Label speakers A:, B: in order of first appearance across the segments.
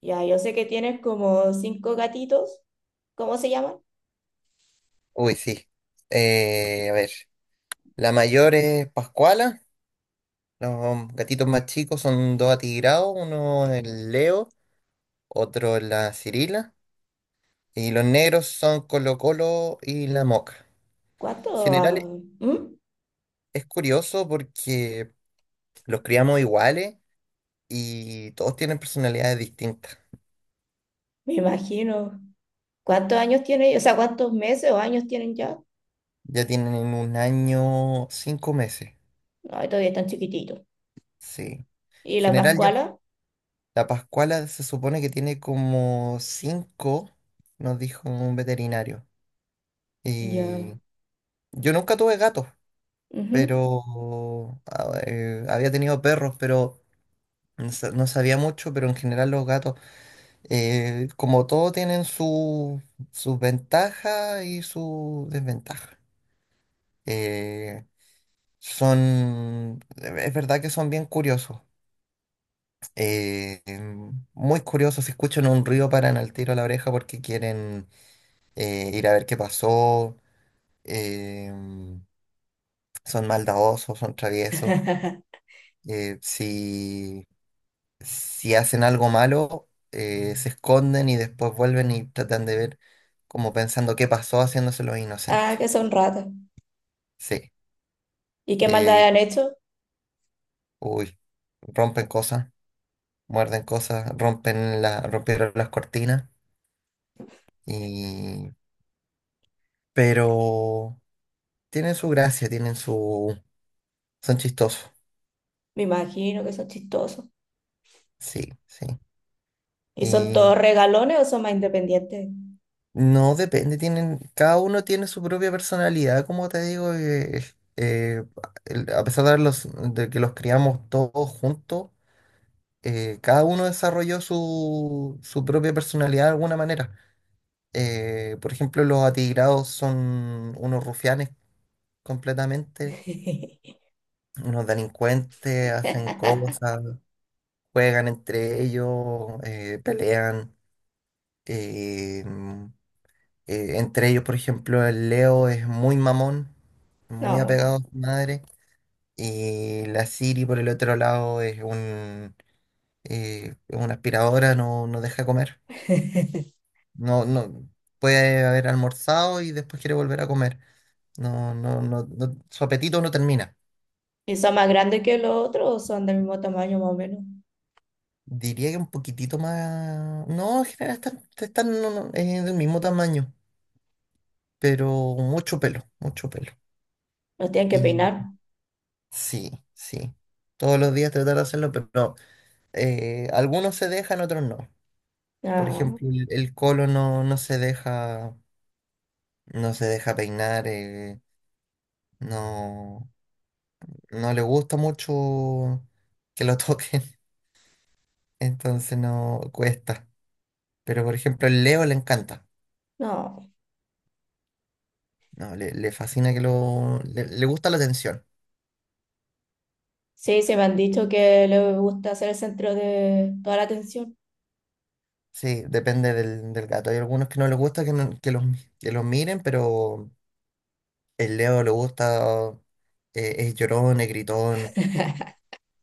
A: Ya, yo sé que tienes como cinco gatitos. ¿Cómo se llaman?
B: Uy, sí. A ver, la mayor es Pascuala. Los gatitos más chicos son dos atigrados: uno es el Leo, otro es la Cirila, y los negros son Colo Colo y la Moca.
A: ¿Cuántos?
B: En general
A: Ah, ¿mm?
B: es curioso porque los criamos iguales y todos tienen personalidades distintas.
A: Me imagino. ¿Cuántos años tienen? O sea, ¿cuántos meses o años tienen ya?
B: Ya tienen 1 año, 5 meses,
A: Ay, todavía están chiquititos.
B: sí. En
A: ¿Y la
B: general yo,
A: Pascuala?
B: la Pascuala se supone que tiene como 5, nos dijo un veterinario.
A: Ya,
B: Y yo nunca tuve gatos,
A: ujú.
B: pero había tenido perros, pero no sabía mucho. Pero en general los gatos, como todo, tienen sus ventajas y sus desventajas. Eh, es verdad que son bien curiosos, muy curiosos. Si escuchan un ruido, paran al tiro a la oreja porque quieren ir a ver qué pasó. em, Son maldadosos, son traviesos. eh, si, si hacen algo malo, se esconden y después vuelven y tratan de ver como pensando qué pasó, haciéndoselo
A: Ah,
B: inocente.
A: que son ratas.
B: Sí.
A: ¿Y qué
B: Eh,
A: maldad han hecho?
B: Uy, rompen cosas, muerden cosas, rompieron las cortinas y... Pero tienen su gracia, tienen su... Son chistosos.
A: Me imagino que son chistosos.
B: Sí, sí.
A: ¿Y son todos regalones o son más independientes?
B: No, depende. Tienen, cada uno tiene su propia personalidad, como te digo. Eh, a pesar de que los criamos todos juntos, cada uno desarrolló su propia personalidad de alguna manera. Por ejemplo, los atigrados son unos rufianes completamente, unos delincuentes. Hacen cosas, juegan entre ellos, pelean. eh, Entre ellos, por ejemplo, el Leo es muy mamón, muy
A: No.
B: apegado a su madre. Y la Siri, por el otro lado, es una aspiradora, no, no deja comer. No, no puede haber almorzado y después quiere volver a comer. No, no, no, su apetito no termina.
A: ¿Y son más grandes que los otros o son del mismo tamaño más o menos?
B: Diría que un poquitito más. No, en general están, están no, no, del mismo tamaño, pero mucho pelo, mucho pelo.
A: ¿Los tienen que
B: Y
A: peinar?
B: sí, sí. Todos los días tratar de hacerlo, pero no. Algunos se dejan, otros no. Por
A: Ah,
B: ejemplo, el colo no, no se deja, no se deja peinar. No, no le gusta mucho que lo toquen, entonces no cuesta. Pero por ejemplo, el Leo le encanta,
A: no.
B: no, le fascina le gusta la atención.
A: Sí, se me han dicho que le gusta ser el centro de toda la atención
B: Sí, depende del gato. Hay algunos que no les gusta que, no- que los miren, pero el Leo le gusta. Es llorón, es gritón.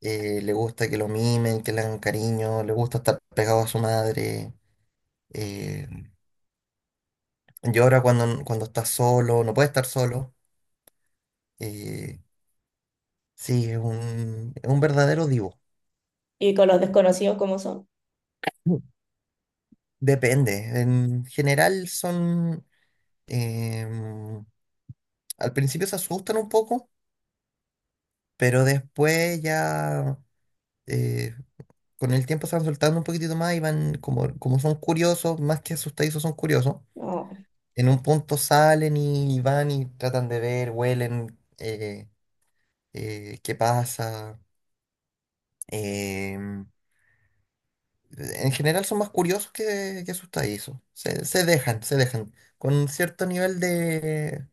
B: Le gusta que lo mimen, que le hagan cariño, le gusta estar pegado a su madre. eh, Llora cuando, cuando está solo, no puede estar solo. eh, es un verdadero divo.
A: y con los desconocidos como son.
B: Mm. Depende, en general son... em, Al principio se asustan un poco, pero después ya... eh, con el tiempo se van soltando un poquitito más y van, como, como son curiosos, más que asustadizos, son curiosos.
A: No.
B: En un punto salen y van y tratan de ver, huelen, qué pasa. Em, en general son más curiosos que asustadizos. Se dejan, se dejan. Con cierto nivel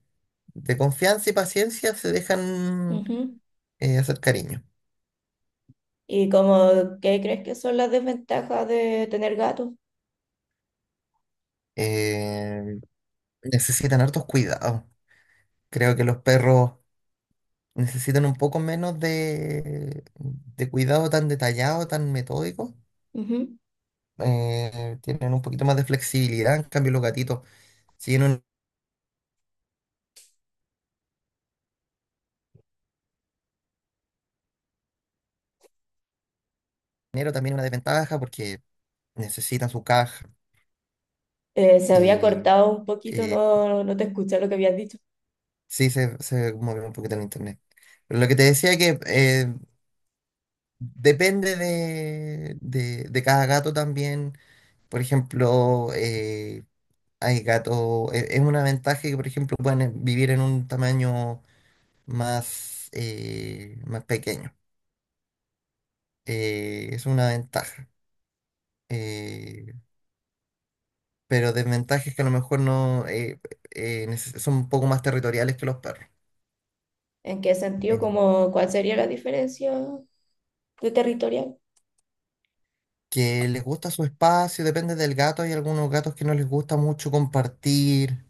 B: de confianza y paciencia se dejan
A: Ujú.
B: hacer cariño.
A: ¿Y como qué crees que son las desventajas de tener gatos?
B: Em, Necesitan hartos cuidados. Creo que los perros necesitan un poco menos de cuidado tan detallado, tan metódico.
A: Ujú.
B: Tienen un poquito más de flexibilidad. En cambio, los gatitos, si en un enero también una desventaja porque necesitan su caja.
A: Se había
B: y
A: cortado un poquito,
B: eh,
A: no, no te escuché lo que habías dicho.
B: sí se mueve un poquito el internet. Pero lo que te decía que depende de cada gato también. Por ejemplo, hay gatos, es una ventaja que, por ejemplo, pueden vivir en un tamaño más, más pequeño. Es una ventaja. Eh, pero desventajas que a lo mejor no son un poco más territoriales que los perros.
A: ¿En qué sentido?
B: Eh,
A: Como, ¿cuál sería la diferencia de territorial?
B: que les gusta su espacio, depende del gato. Hay algunos gatos que no les gusta mucho compartir.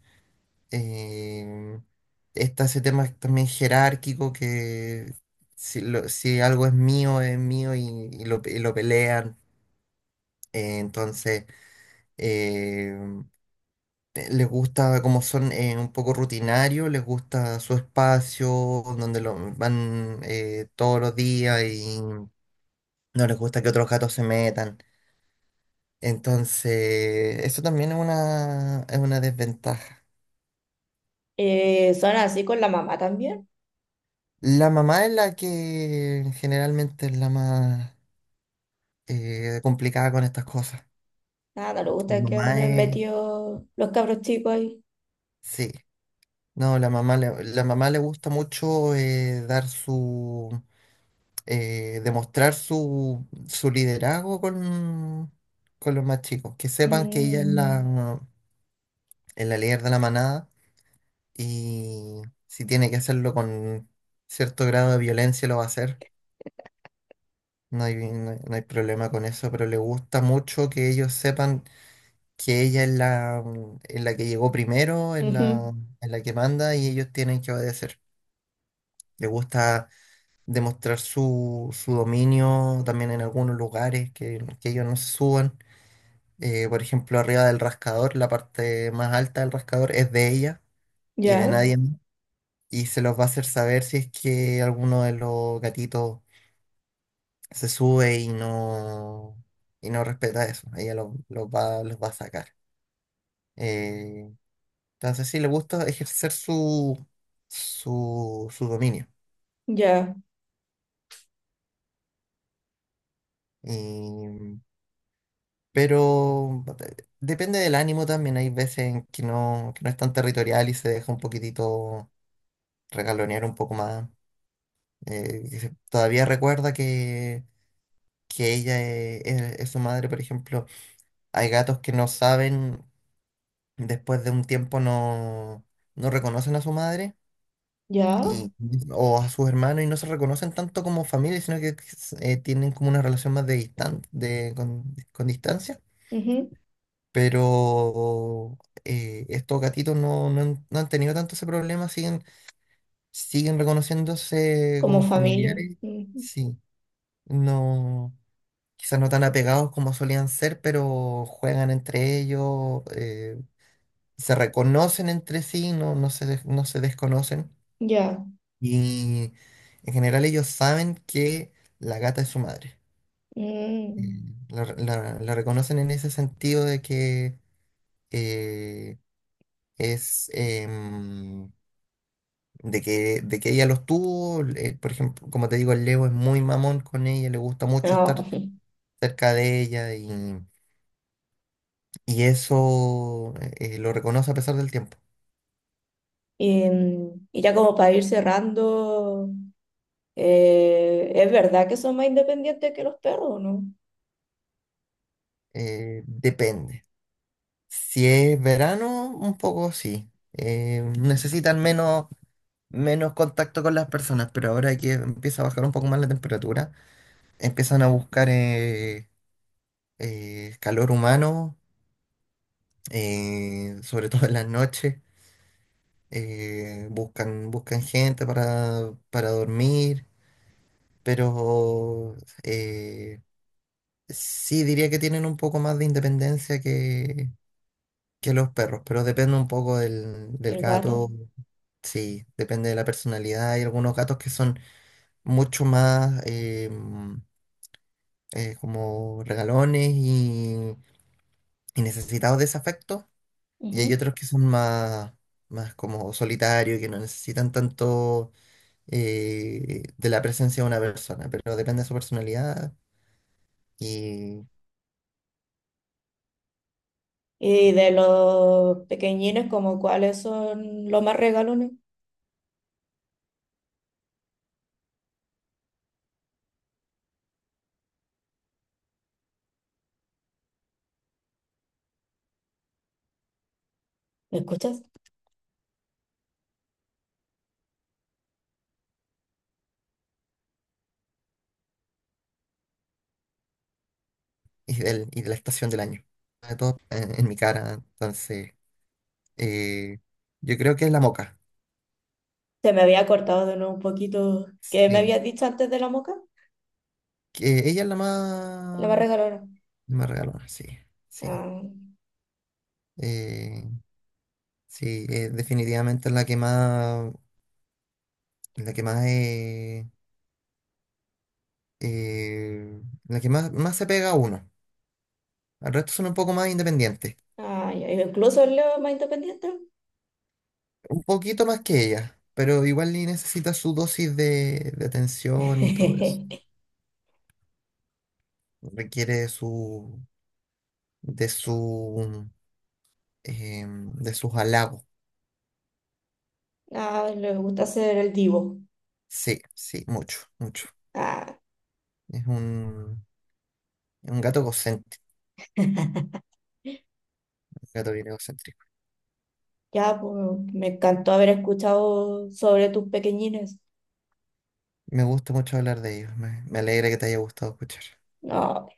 B: eh, Está ese tema también jerárquico que si algo es mío y lo pelean. eh, entonces, eh, Les gusta, como son un poco rutinarios, les gusta su espacio donde lo van todos los días y no les gusta que otros gatos se metan. Entonces, eso también es una desventaja.
A: ¿Eh, son así con la mamá también?
B: La mamá es la que generalmente es la más complicada con estas cosas.
A: Nada, le
B: La
A: gusta que
B: mamá
A: anden
B: es,
A: metidos los cabros chicos ahí.
B: sí, no, la mamá le gusta mucho dar su demostrar su liderazgo con los más chicos, que sepan que ella es
A: Mm.
B: es la líder de la manada, y si tiene que hacerlo con cierto grado de violencia lo va a hacer. No hay problema con eso, pero le gusta mucho que ellos sepan que ella es es la que llegó primero, es
A: Ujú.
B: es la que manda y ellos tienen que obedecer. Le gusta demostrar su dominio también en algunos lugares, que ellos no se suban. Por ejemplo, arriba del rascador, la parte más alta del rascador es de ella y de
A: Ya,
B: nadie más. Y se los va a hacer saber si es que alguno de los gatitos se sube y no respeta eso. Ella los va a sacar. Eh, sí, le gusta ejercer su dominio.
A: ya,
B: Y- pero depende del ánimo también. Hay veces en que no es tan territorial y se deja un poquitito regalonear un poco más. Todavía recuerda que ella es su madre, por ejemplo. Hay gatos que no saben, después de un tiempo no, no reconocen a su madre
A: ya.
B: y, o a sus hermanos y no se reconocen tanto como familia, sino que tienen como una relación más de distan de, con distancia.
A: Ujú,
B: Pero estos gatitos no, no han tenido tanto ese problema. Siguen, siguen reconociéndose
A: como
B: como
A: familia.
B: familiares.
A: Ujú,
B: Sí, no, quizás no tan apegados como solían ser, pero juegan entre ellos. Se reconocen entre sí, no se desconocen.
A: ya.
B: Y en general ellos saben que la gata es su madre.
A: Mm,
B: La la- reconocen en ese sentido de que eh, es em, de que ella los tuvo. Por ejemplo, como te digo, el Leo es muy mamón con ella, le gusta mucho
A: no.
B: estar cerca de ella. Y eso lo reconoce a pesar del tiempo.
A: Y, mm, y ya como para ir cerrando, ¿es verdad que son más independientes que los perros o no?
B: Depende. Si es verano, un poco sí. Necesitan menos, menos contacto con las personas, pero ahora que empieza a bajar un poco más la temperatura, empiezan a buscar calor humano, sobre todo en las noches. Buscan, buscan gente para dormir, pero eh, sí, diría que tienen un poco más de independencia que los perros, pero depende un poco del
A: El gato.
B: gato. Sí, depende de la personalidad. Hay algunos gatos que son mucho más como regalones y necesitados de ese afecto, y hay
A: Ujú.
B: otros que son más, más como solitarios y que no necesitan tanto de la presencia de una persona, pero depende de su personalidad y,
A: Y de los pequeñines, como cuáles son los más regalones. ¿Me escuchas?
B: y de la estación del año. Sobre todo en mi cara, entonces, eh, yo creo que es la Moca.
A: Se me había cortado de nuevo un poquito. ¿Qué me
B: Sí,
A: habías dicho antes de la moca?
B: que ella es
A: La más regalona.
B: la más regalona, sí, sí.
A: Ah,
B: Eh, sí, Definitivamente es la que más, la que más, eh, la que más, más se pega a uno. Al resto son un poco más independientes,
A: ah, ya. Incluso el Leo es más independiente.
B: un poquito más que ella, pero igual y necesita su dosis de atención y todo eso. Requiere de su, de sus halagos.
A: Ah, le gusta ser el divo.
B: Sí, sí, mucho, mucho.
A: Ah,
B: Es un, es un gato egocéntrico, un gato bien egocéntrico.
A: ya, pues me encantó haber escuchado sobre tus pequeñines.
B: Me gusta mucho hablar de ellos. Me alegra que te haya gustado escuchar.
A: No.